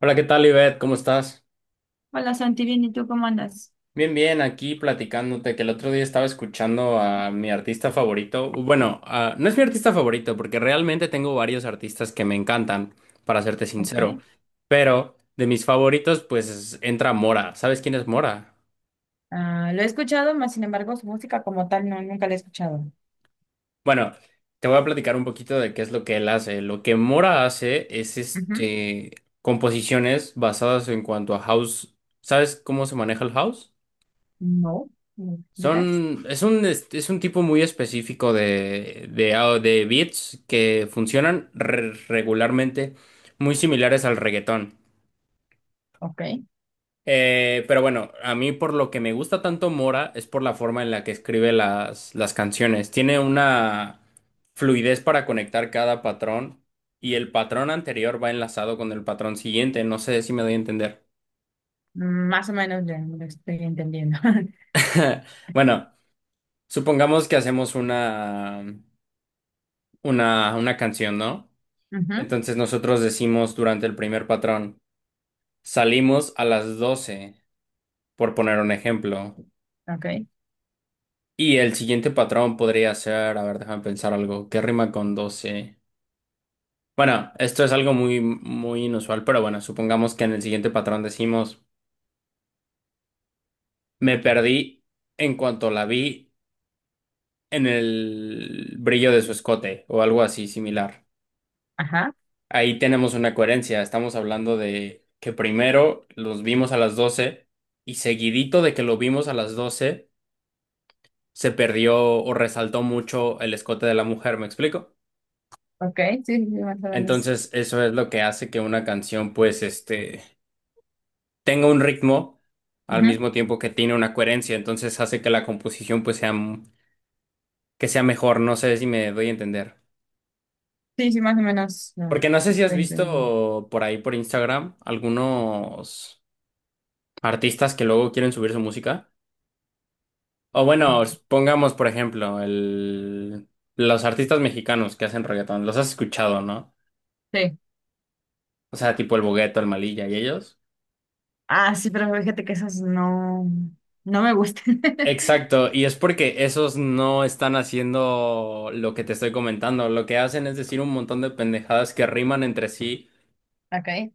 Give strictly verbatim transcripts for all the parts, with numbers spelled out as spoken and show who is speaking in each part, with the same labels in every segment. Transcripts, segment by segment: Speaker 1: Hola, ¿qué tal, Ivette? ¿Cómo estás?
Speaker 2: Hola Santi, bien, ¿y tú cómo andas?
Speaker 1: Bien, bien, aquí platicándote que el otro día estaba escuchando a mi artista favorito. Bueno, ah, no es mi artista favorito porque realmente tengo varios artistas que me encantan, para serte
Speaker 2: Ok.
Speaker 1: sincero. Pero de mis favoritos, pues entra Mora. ¿Sabes quién es Mora?
Speaker 2: Ah, lo he escuchado, más sin embargo, su música como tal no, nunca la he escuchado.
Speaker 1: Bueno, te voy a platicar un poquito de qué es lo que él hace. Lo que Mora hace es
Speaker 2: Ujú.
Speaker 1: este composiciones basadas en cuanto a house. ¿Sabes cómo se maneja el house?
Speaker 2: No, ¿me explicas?
Speaker 1: Son, es un, este, es un tipo muy específico de, de, au- de beats que funcionan re- regularmente muy similares al reggaetón.
Speaker 2: Ok.
Speaker 1: Eh, pero bueno, a mí por lo que me gusta tanto Mora es por la forma en la que escribe las, las canciones. Tiene una fluidez para conectar cada patrón y el patrón anterior va enlazado con el patrón siguiente. No sé si me doy a entender.
Speaker 2: Mm, Más o menos ya lo estoy entendiendo.
Speaker 1: Bueno, supongamos que hacemos una, una, una canción, ¿no?
Speaker 2: Ujú.
Speaker 1: Entonces nosotros decimos durante el primer patrón, salimos a las doce, por poner un ejemplo.
Speaker 2: Ok.
Speaker 1: Y el siguiente patrón podría ser, a ver, déjame pensar algo, ¿qué rima con doce? Bueno, esto es algo muy, muy inusual, pero bueno, supongamos que en el siguiente patrón decimos, me perdí en cuanto la vi en el brillo de su escote o algo así similar.
Speaker 2: Ajá.
Speaker 1: Ahí tenemos una coherencia. Estamos hablando de que primero los vimos a las doce y seguidito de que lo vimos a las doce se perdió o resaltó mucho el escote de la mujer, ¿me explico?
Speaker 2: Ok. Sí, sí, sí, más o menos.
Speaker 1: Entonces eso es lo que hace que una canción pues este tenga un ritmo al
Speaker 2: Ujú.
Speaker 1: mismo tiempo que tiene una coherencia. Entonces hace que la composición pues sea m- que sea mejor. No sé si me doy a entender.
Speaker 2: Sí, sí, más o menos. No,
Speaker 1: Porque no sé si has
Speaker 2: estoy entendiendo.
Speaker 1: visto por ahí por Instagram algunos artistas que luego quieren subir su música. O bueno, pongamos por ejemplo el, los artistas mexicanos que hacen reggaetón, los has escuchado, ¿no?
Speaker 2: Sí.
Speaker 1: O sea, tipo el Bogueto, el Malilla y ellos.
Speaker 2: Ah, sí, pero fíjate que esas no, no me gustan.
Speaker 1: Exacto, y es porque esos no están haciendo lo que te estoy comentando. Lo que hacen es decir un montón de pendejadas que riman entre sí,
Speaker 2: Ok.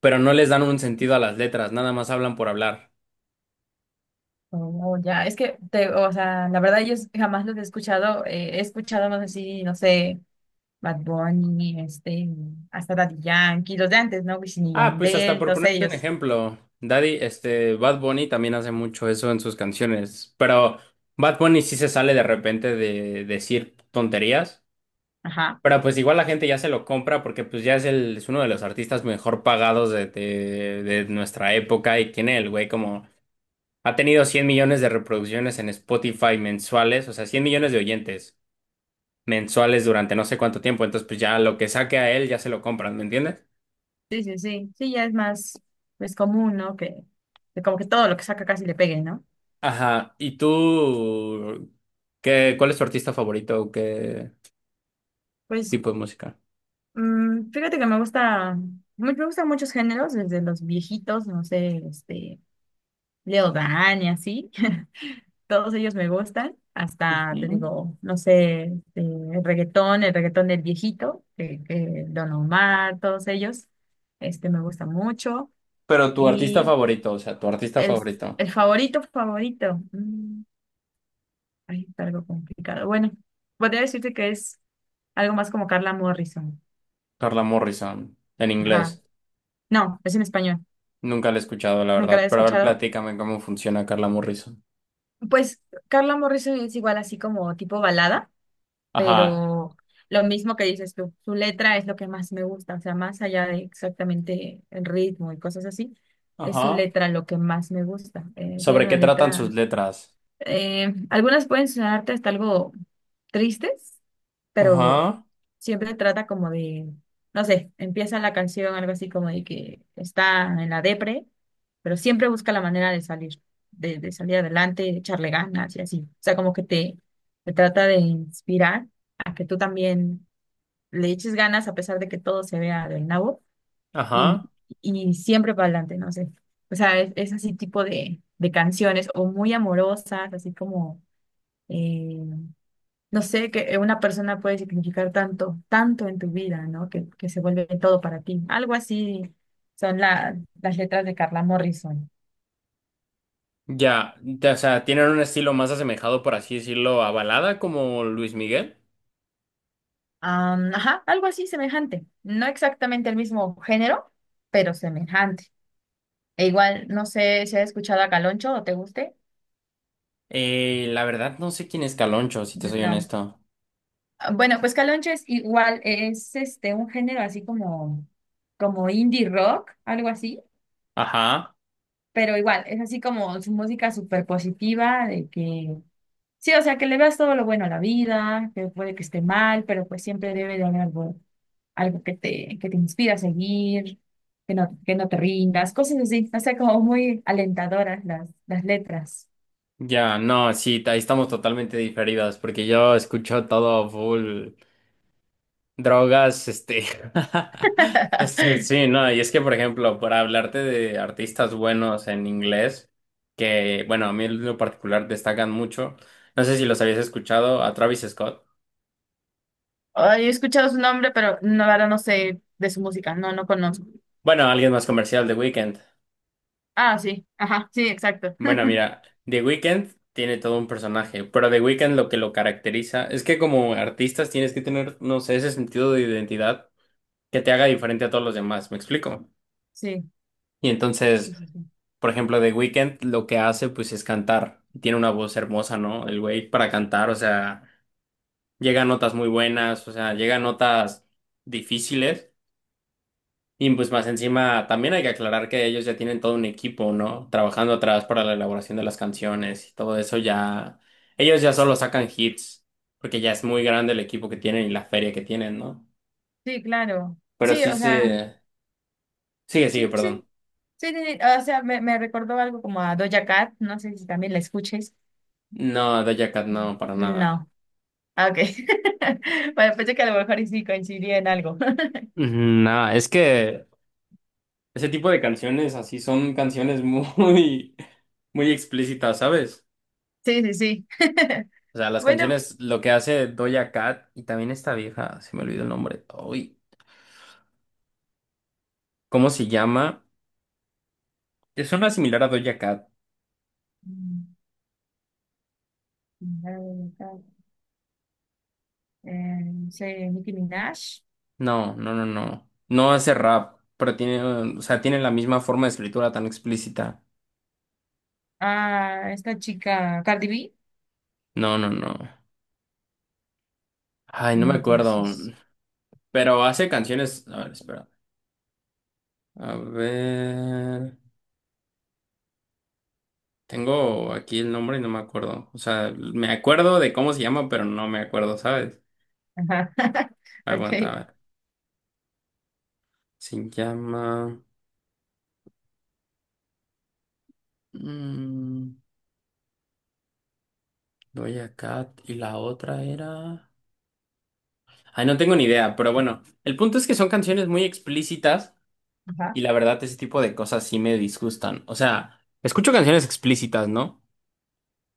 Speaker 1: pero no les dan un sentido a las letras, nada más hablan por hablar.
Speaker 2: Oh, ya, es que, te, o sea, la verdad yo jamás los he escuchado, eh, he escuchado más así, no sé, Bad Bunny, este, hasta Daddy Yankee, los de antes, ¿no? Wisin y
Speaker 1: Ah, pues hasta
Speaker 2: Yandel,
Speaker 1: por
Speaker 2: todos
Speaker 1: ponerte un
Speaker 2: ellos,
Speaker 1: ejemplo, Daddy, este, Bad Bunny también hace mucho eso en sus canciones, pero Bad Bunny sí se sale de repente de decir tonterías.
Speaker 2: ajá,
Speaker 1: Pero pues igual la gente ya se lo compra porque pues ya es, el, es uno de los artistas mejor pagados de, de, de nuestra época y tiene el güey como... Ha tenido cien millones de reproducciones en Spotify mensuales, o sea, cien millones de oyentes mensuales durante no sé cuánto tiempo, entonces pues ya lo que saque a él ya se lo compran, ¿me entiendes?
Speaker 2: sí, sí, sí, sí, ya es más, pues, común, ¿no? Que, que como que todo lo que saca casi le pegue, ¿no?
Speaker 1: Ajá, ¿y tú qué, cuál es tu artista favorito o qué
Speaker 2: Pues,
Speaker 1: tipo de música?
Speaker 2: mm, fíjate que me gusta, me, me gustan muchos géneros, desde los viejitos, no sé, este, Leo Dan y así, Todos ellos me gustan, hasta te
Speaker 1: Ujú.
Speaker 2: digo, no sé, este, el reggaetón, el reggaetón del viejito, que que Don Omar, todos ellos, este me gusta mucho.
Speaker 1: Pero tu artista
Speaker 2: Y
Speaker 1: favorito, o sea, tu artista
Speaker 2: el,
Speaker 1: favorito,
Speaker 2: el favorito, favorito, mm, ay, está algo complicado. Bueno, podría decirte que es algo más como Carla Morrison.
Speaker 1: Carla Morrison, en inglés.
Speaker 2: Ajá. No, es en español,
Speaker 1: Nunca la he escuchado, la
Speaker 2: nunca la
Speaker 1: verdad.
Speaker 2: he
Speaker 1: Pero a ver,
Speaker 2: escuchado.
Speaker 1: platícame cómo funciona Carla Morrison.
Speaker 2: Pues Carla Morrison es igual así como tipo balada.
Speaker 1: Ajá.
Speaker 2: Pero lo mismo que dices tú, su letra es lo que más me gusta, o sea, más allá de exactamente el ritmo y cosas así, es su
Speaker 1: Ajá.
Speaker 2: letra lo que más me gusta. Eh, tiene
Speaker 1: ¿Sobre qué
Speaker 2: una
Speaker 1: tratan sus
Speaker 2: letra.
Speaker 1: letras?
Speaker 2: Eh, algunas pueden sonarte hasta algo tristes, pero
Speaker 1: Ajá.
Speaker 2: siempre trata como de, no sé, empieza la canción algo así como de que está en la depre, pero siempre busca la manera de salir, de, de salir adelante, de echarle ganas y así. O sea, como que te, te trata de inspirar a que tú también le eches ganas a pesar de que todo se vea del nabo y,
Speaker 1: Ajá.
Speaker 2: y siempre para adelante, no sé. O sea, es, es así tipo de, de canciones o muy amorosas, así como eh, no sé, que una persona puede significar tanto, tanto en tu vida, ¿no? Que, que se vuelve todo para ti. Algo así son la- las letras de Carla Morrison.
Speaker 1: Ya, ya, o sea, ¿tienen un estilo más asemejado, por así decirlo, a balada como Luis Miguel?
Speaker 2: Am, ajá, algo así semejante. No exactamente el mismo género, pero semejante. E igual, no sé si has escuchado a Caloncho o te guste.
Speaker 1: Eh, la verdad no sé quién es Caloncho, si te soy
Speaker 2: No.
Speaker 1: honesto.
Speaker 2: Ah, bueno, pues Caloncho es igual, es este un género así como, como indie rock, algo así,
Speaker 1: Ajá.
Speaker 2: pero igual, es así como su música súper positiva, de que sí, o sea, que le veas todo lo bueno a la vida, que puede que esté mal, pero pues siempre debe de haber algo, algo que te, que te inspira a seguir, que no, que no te rindas, cosas así, o sea, como muy alentadoras las, las letras.
Speaker 1: Ya, no, sí, ahí estamos totalmente diferidas, porque yo escucho todo full. Drogas, este, este, sí, no, y es que, por ejemplo, para hablarte de artistas buenos en inglés, que, bueno, a mí en lo particular destacan mucho, no sé si los habías escuchado, a Travis Scott,
Speaker 2: Ay, he escuchado su nombre, pero no, la verdad no sé de su música, no, no conozco.
Speaker 1: bueno, alguien más comercial, The Weeknd.
Speaker 2: Ah, sí, ajá, sí, exacto.
Speaker 1: Bueno, mira, The Weeknd tiene todo un personaje, pero The Weeknd lo que lo caracteriza es que como artistas tienes que tener, no sé, ese sentido de identidad que te haga diferente a todos los demás, ¿me explico?
Speaker 2: Sí,
Speaker 1: Y
Speaker 2: sí,
Speaker 1: entonces...
Speaker 2: sí, sí.
Speaker 1: Por ejemplo, The Weeknd lo que hace pues es cantar. Tiene una voz hermosa, ¿no? El güey para cantar, o sea, llega a notas muy buenas, o sea, llega a notas difíciles. Y pues más encima también hay que aclarar que ellos ya tienen todo un equipo, ¿no? Trabajando atrás para la elaboración de las canciones y todo eso ya. Ellos ya solo sacan hits, porque ya es muy grande el equipo que tienen y la feria que tienen, ¿no?
Speaker 2: Sí, claro.
Speaker 1: Pero
Speaker 2: Sí,
Speaker 1: sí
Speaker 2: o sea,
Speaker 1: se. Sigue, sigue,
Speaker 2: sí, sí,
Speaker 1: perdón.
Speaker 2: sí, sí, sí, o sea, me, me recordó algo como a Doja Cat, no sé si también la escuches.
Speaker 1: No, Doja Cat
Speaker 2: Mm.
Speaker 1: no, para nada.
Speaker 2: No. Ah, ok. Bueno, pensé que a lo mejor y sí coincidía en algo.
Speaker 1: Ujú. No, es que ese tipo de canciones así son canciones muy, muy explícitas, ¿sabes?
Speaker 2: Sí, sí, sí.
Speaker 1: O sea, las
Speaker 2: Bueno.
Speaker 1: canciones, lo que hace Doja Cat y también esta vieja, se me olvidó el nombre. Uy, ¿cómo se llama? Es una similar a Doja Cat.
Speaker 2: Mm, Eh, sí, Nicki Minaj.
Speaker 1: No, no, no, no. No hace rap, pero tiene, o sea, tiene la misma forma de escritura tan explícita.
Speaker 2: Ah, esta chica, Cardi B.
Speaker 1: No, no, no. Ay, no
Speaker 2: No,
Speaker 1: me acuerdo.
Speaker 2: entonces.
Speaker 1: Pero hace canciones. A ver, espera. A ver. Tengo aquí el nombre y no me acuerdo. O sea, me acuerdo de cómo se llama, pero no me acuerdo, ¿sabes?
Speaker 2: Ajá.
Speaker 1: Aguanta, a
Speaker 2: Ok.
Speaker 1: ver. Se llama. mm, Doja Cat y la otra era. Ay, no tengo ni idea, pero bueno. El punto es que son canciones muy explícitas
Speaker 2: Ajá.
Speaker 1: y la verdad ese tipo de cosas sí me disgustan. O sea, escucho canciones explícitas, ¿no?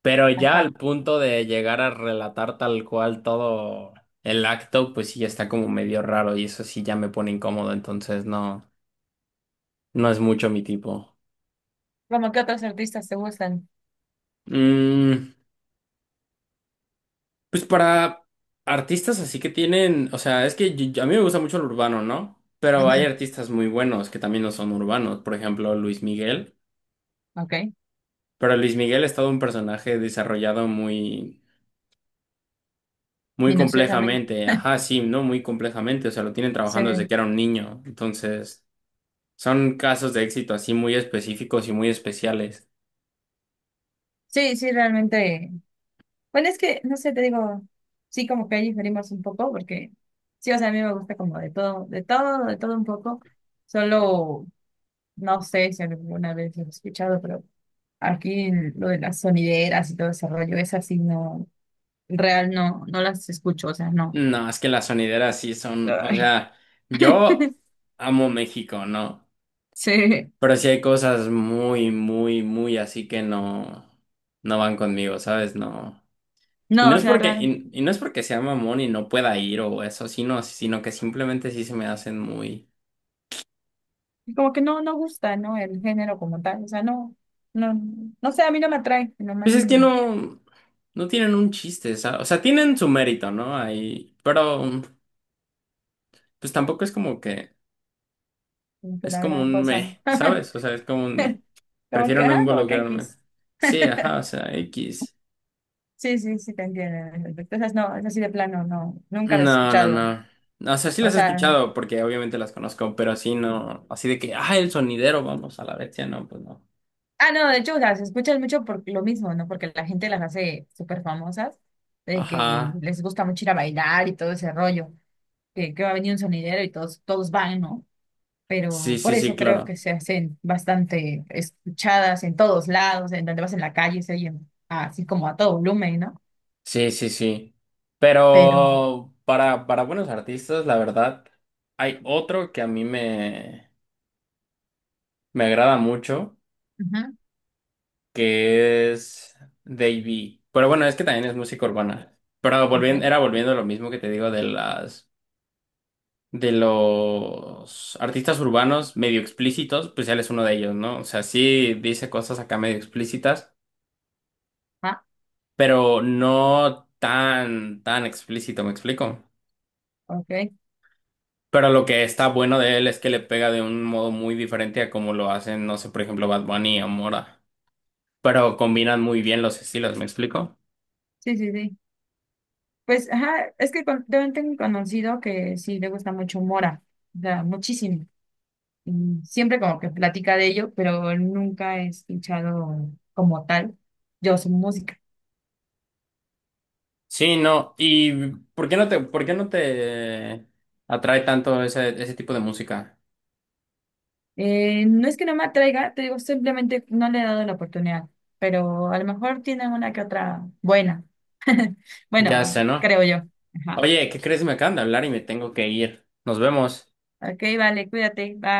Speaker 1: Pero ya al
Speaker 2: Ajá.
Speaker 1: punto de llegar a relatar tal cual todo el acto, pues sí ya está como medio raro y eso sí ya me pone incómodo, entonces no. No es mucho mi tipo.
Speaker 2: Vamos, ¿qué otros artistas te gustan?
Speaker 1: Mm, pues para artistas así que tienen, o sea, es que yo- yo- a mí me gusta mucho el urbano, ¿no? Pero
Speaker 2: Ujú,
Speaker 1: hay artistas muy buenos que también no son urbanos, por ejemplo, Luis Miguel.
Speaker 2: ok.
Speaker 1: Pero Luis Miguel es todo un personaje desarrollado muy, muy
Speaker 2: Minuciosamente.
Speaker 1: complejamente. Ajá, sí, ¿no? Muy complejamente. O sea, lo tienen
Speaker 2: Sí.
Speaker 1: trabajando desde que era un niño. Entonces, son casos de éxito así muy específicos y muy especiales.
Speaker 2: Sí, sí, realmente. Bueno, es que, no sé, te digo, sí como que ahí diferimos un poco, porque sí, o sea, a mí me gusta como de todo, de todo, de todo un poco. Solo, no sé si alguna vez lo he escuchado, pero aquí lo de las sonideras y todo ese rollo, es así, no, en real, no, no las escucho, o sea, no.
Speaker 1: No, es que las sonideras sí son, o
Speaker 2: Ay,
Speaker 1: sea, yo amo México, ¿no?
Speaker 2: sí,
Speaker 1: Pero sí hay cosas muy, muy, muy así que no, no van conmigo, ¿sabes? No. Y
Speaker 2: no,
Speaker 1: no
Speaker 2: o
Speaker 1: es
Speaker 2: sea,
Speaker 1: porque,
Speaker 2: real,
Speaker 1: y, y no es porque sea mamón y no pueda ir o eso, sino, sino que simplemente sí se me hacen muy.
Speaker 2: como que no, no gusta, ¿no? El género como tal, o sea, no, no, no sé, a mí no me atrae, en lo más
Speaker 1: Pues es que
Speaker 2: mínimo,
Speaker 1: no, no tienen un chiste, ¿sabes? O sea, tienen su mérito, ¿no? Ahí, pero pues tampoco es como que,
Speaker 2: como que
Speaker 1: es
Speaker 2: la
Speaker 1: como
Speaker 2: gran
Speaker 1: un
Speaker 2: cosa.
Speaker 1: me, ¿sabes? O sea, es como un me.
Speaker 2: Como
Speaker 1: Prefiero
Speaker 2: que,
Speaker 1: no
Speaker 2: ah como que
Speaker 1: involucrarme.
Speaker 2: X.
Speaker 1: Sí, ajá, o sea, X.
Speaker 2: Sí, sí, sí, te entiendo en ese aspecto. Esas no, es así de plano, no, nunca las he
Speaker 1: No, no,
Speaker 2: escuchado.
Speaker 1: no. O sea, sí
Speaker 2: O
Speaker 1: las he
Speaker 2: sea,
Speaker 1: escuchado porque obviamente las conozco, pero así no. Así de que, ah, el sonidero, vamos a la bestia, no, pues no.
Speaker 2: ah, no, de hecho, las escuchas mucho por lo mismo, ¿no? Porque la gente las hace súper famosas, de que
Speaker 1: Ajá.
Speaker 2: les gusta mucho ir a bailar y todo ese rollo, que, que va a venir un sonidero y todos, todos van, ¿no?
Speaker 1: Sí,
Speaker 2: Pero por
Speaker 1: sí, sí,
Speaker 2: eso creo que
Speaker 1: claro.
Speaker 2: se hacen bastante escuchadas en todos lados, en donde vas en la calle, se oyen así como a todo volumen, ¿no?
Speaker 1: Sí, sí, sí.
Speaker 2: Pero,
Speaker 1: Pero para, para buenos artistas, la verdad, hay otro que a mí me, me agrada mucho,
Speaker 2: ujú,
Speaker 1: que es Davey. Pero bueno, es que también es música urbana. Pero
Speaker 2: ok,
Speaker 1: volviendo, era volviendo a lo mismo que te digo de las de los artistas urbanos medio explícitos, pues él es uno de ellos, ¿no? O sea, sí dice cosas acá medio explícitas,
Speaker 2: ah,
Speaker 1: pero no tan, tan explícito, ¿me explico?
Speaker 2: ok,
Speaker 1: Pero lo que está bueno de él es que le pega de un modo muy diferente a como lo hacen, no sé, por ejemplo, Bad Bunny o Mora. Pero combinan muy bien los estilos, ¿me explico?
Speaker 2: sí, sí, sí. Pues, ajá, es que con- también tengo un conocido que sí le gusta mucho Mora, o sea, muchísimo. Y siempre como que platica de ello, pero nunca he escuchado como tal yo su música.
Speaker 1: Sí, no. ¿Y por qué no te, por qué no te atrae tanto ese, ese tipo de música?
Speaker 2: Eh, no es que no me atraiga, te digo, simplemente no le he dado la oportunidad, pero a lo mejor tiene una que otra buena.
Speaker 1: Ya
Speaker 2: Bueno,
Speaker 1: sé, ¿no?
Speaker 2: creo yo. Ajá.
Speaker 1: Oye, ¿qué crees? Me acaban de hablar y me tengo que ir. Nos vemos.
Speaker 2: Ok, vale, cuídate, bye.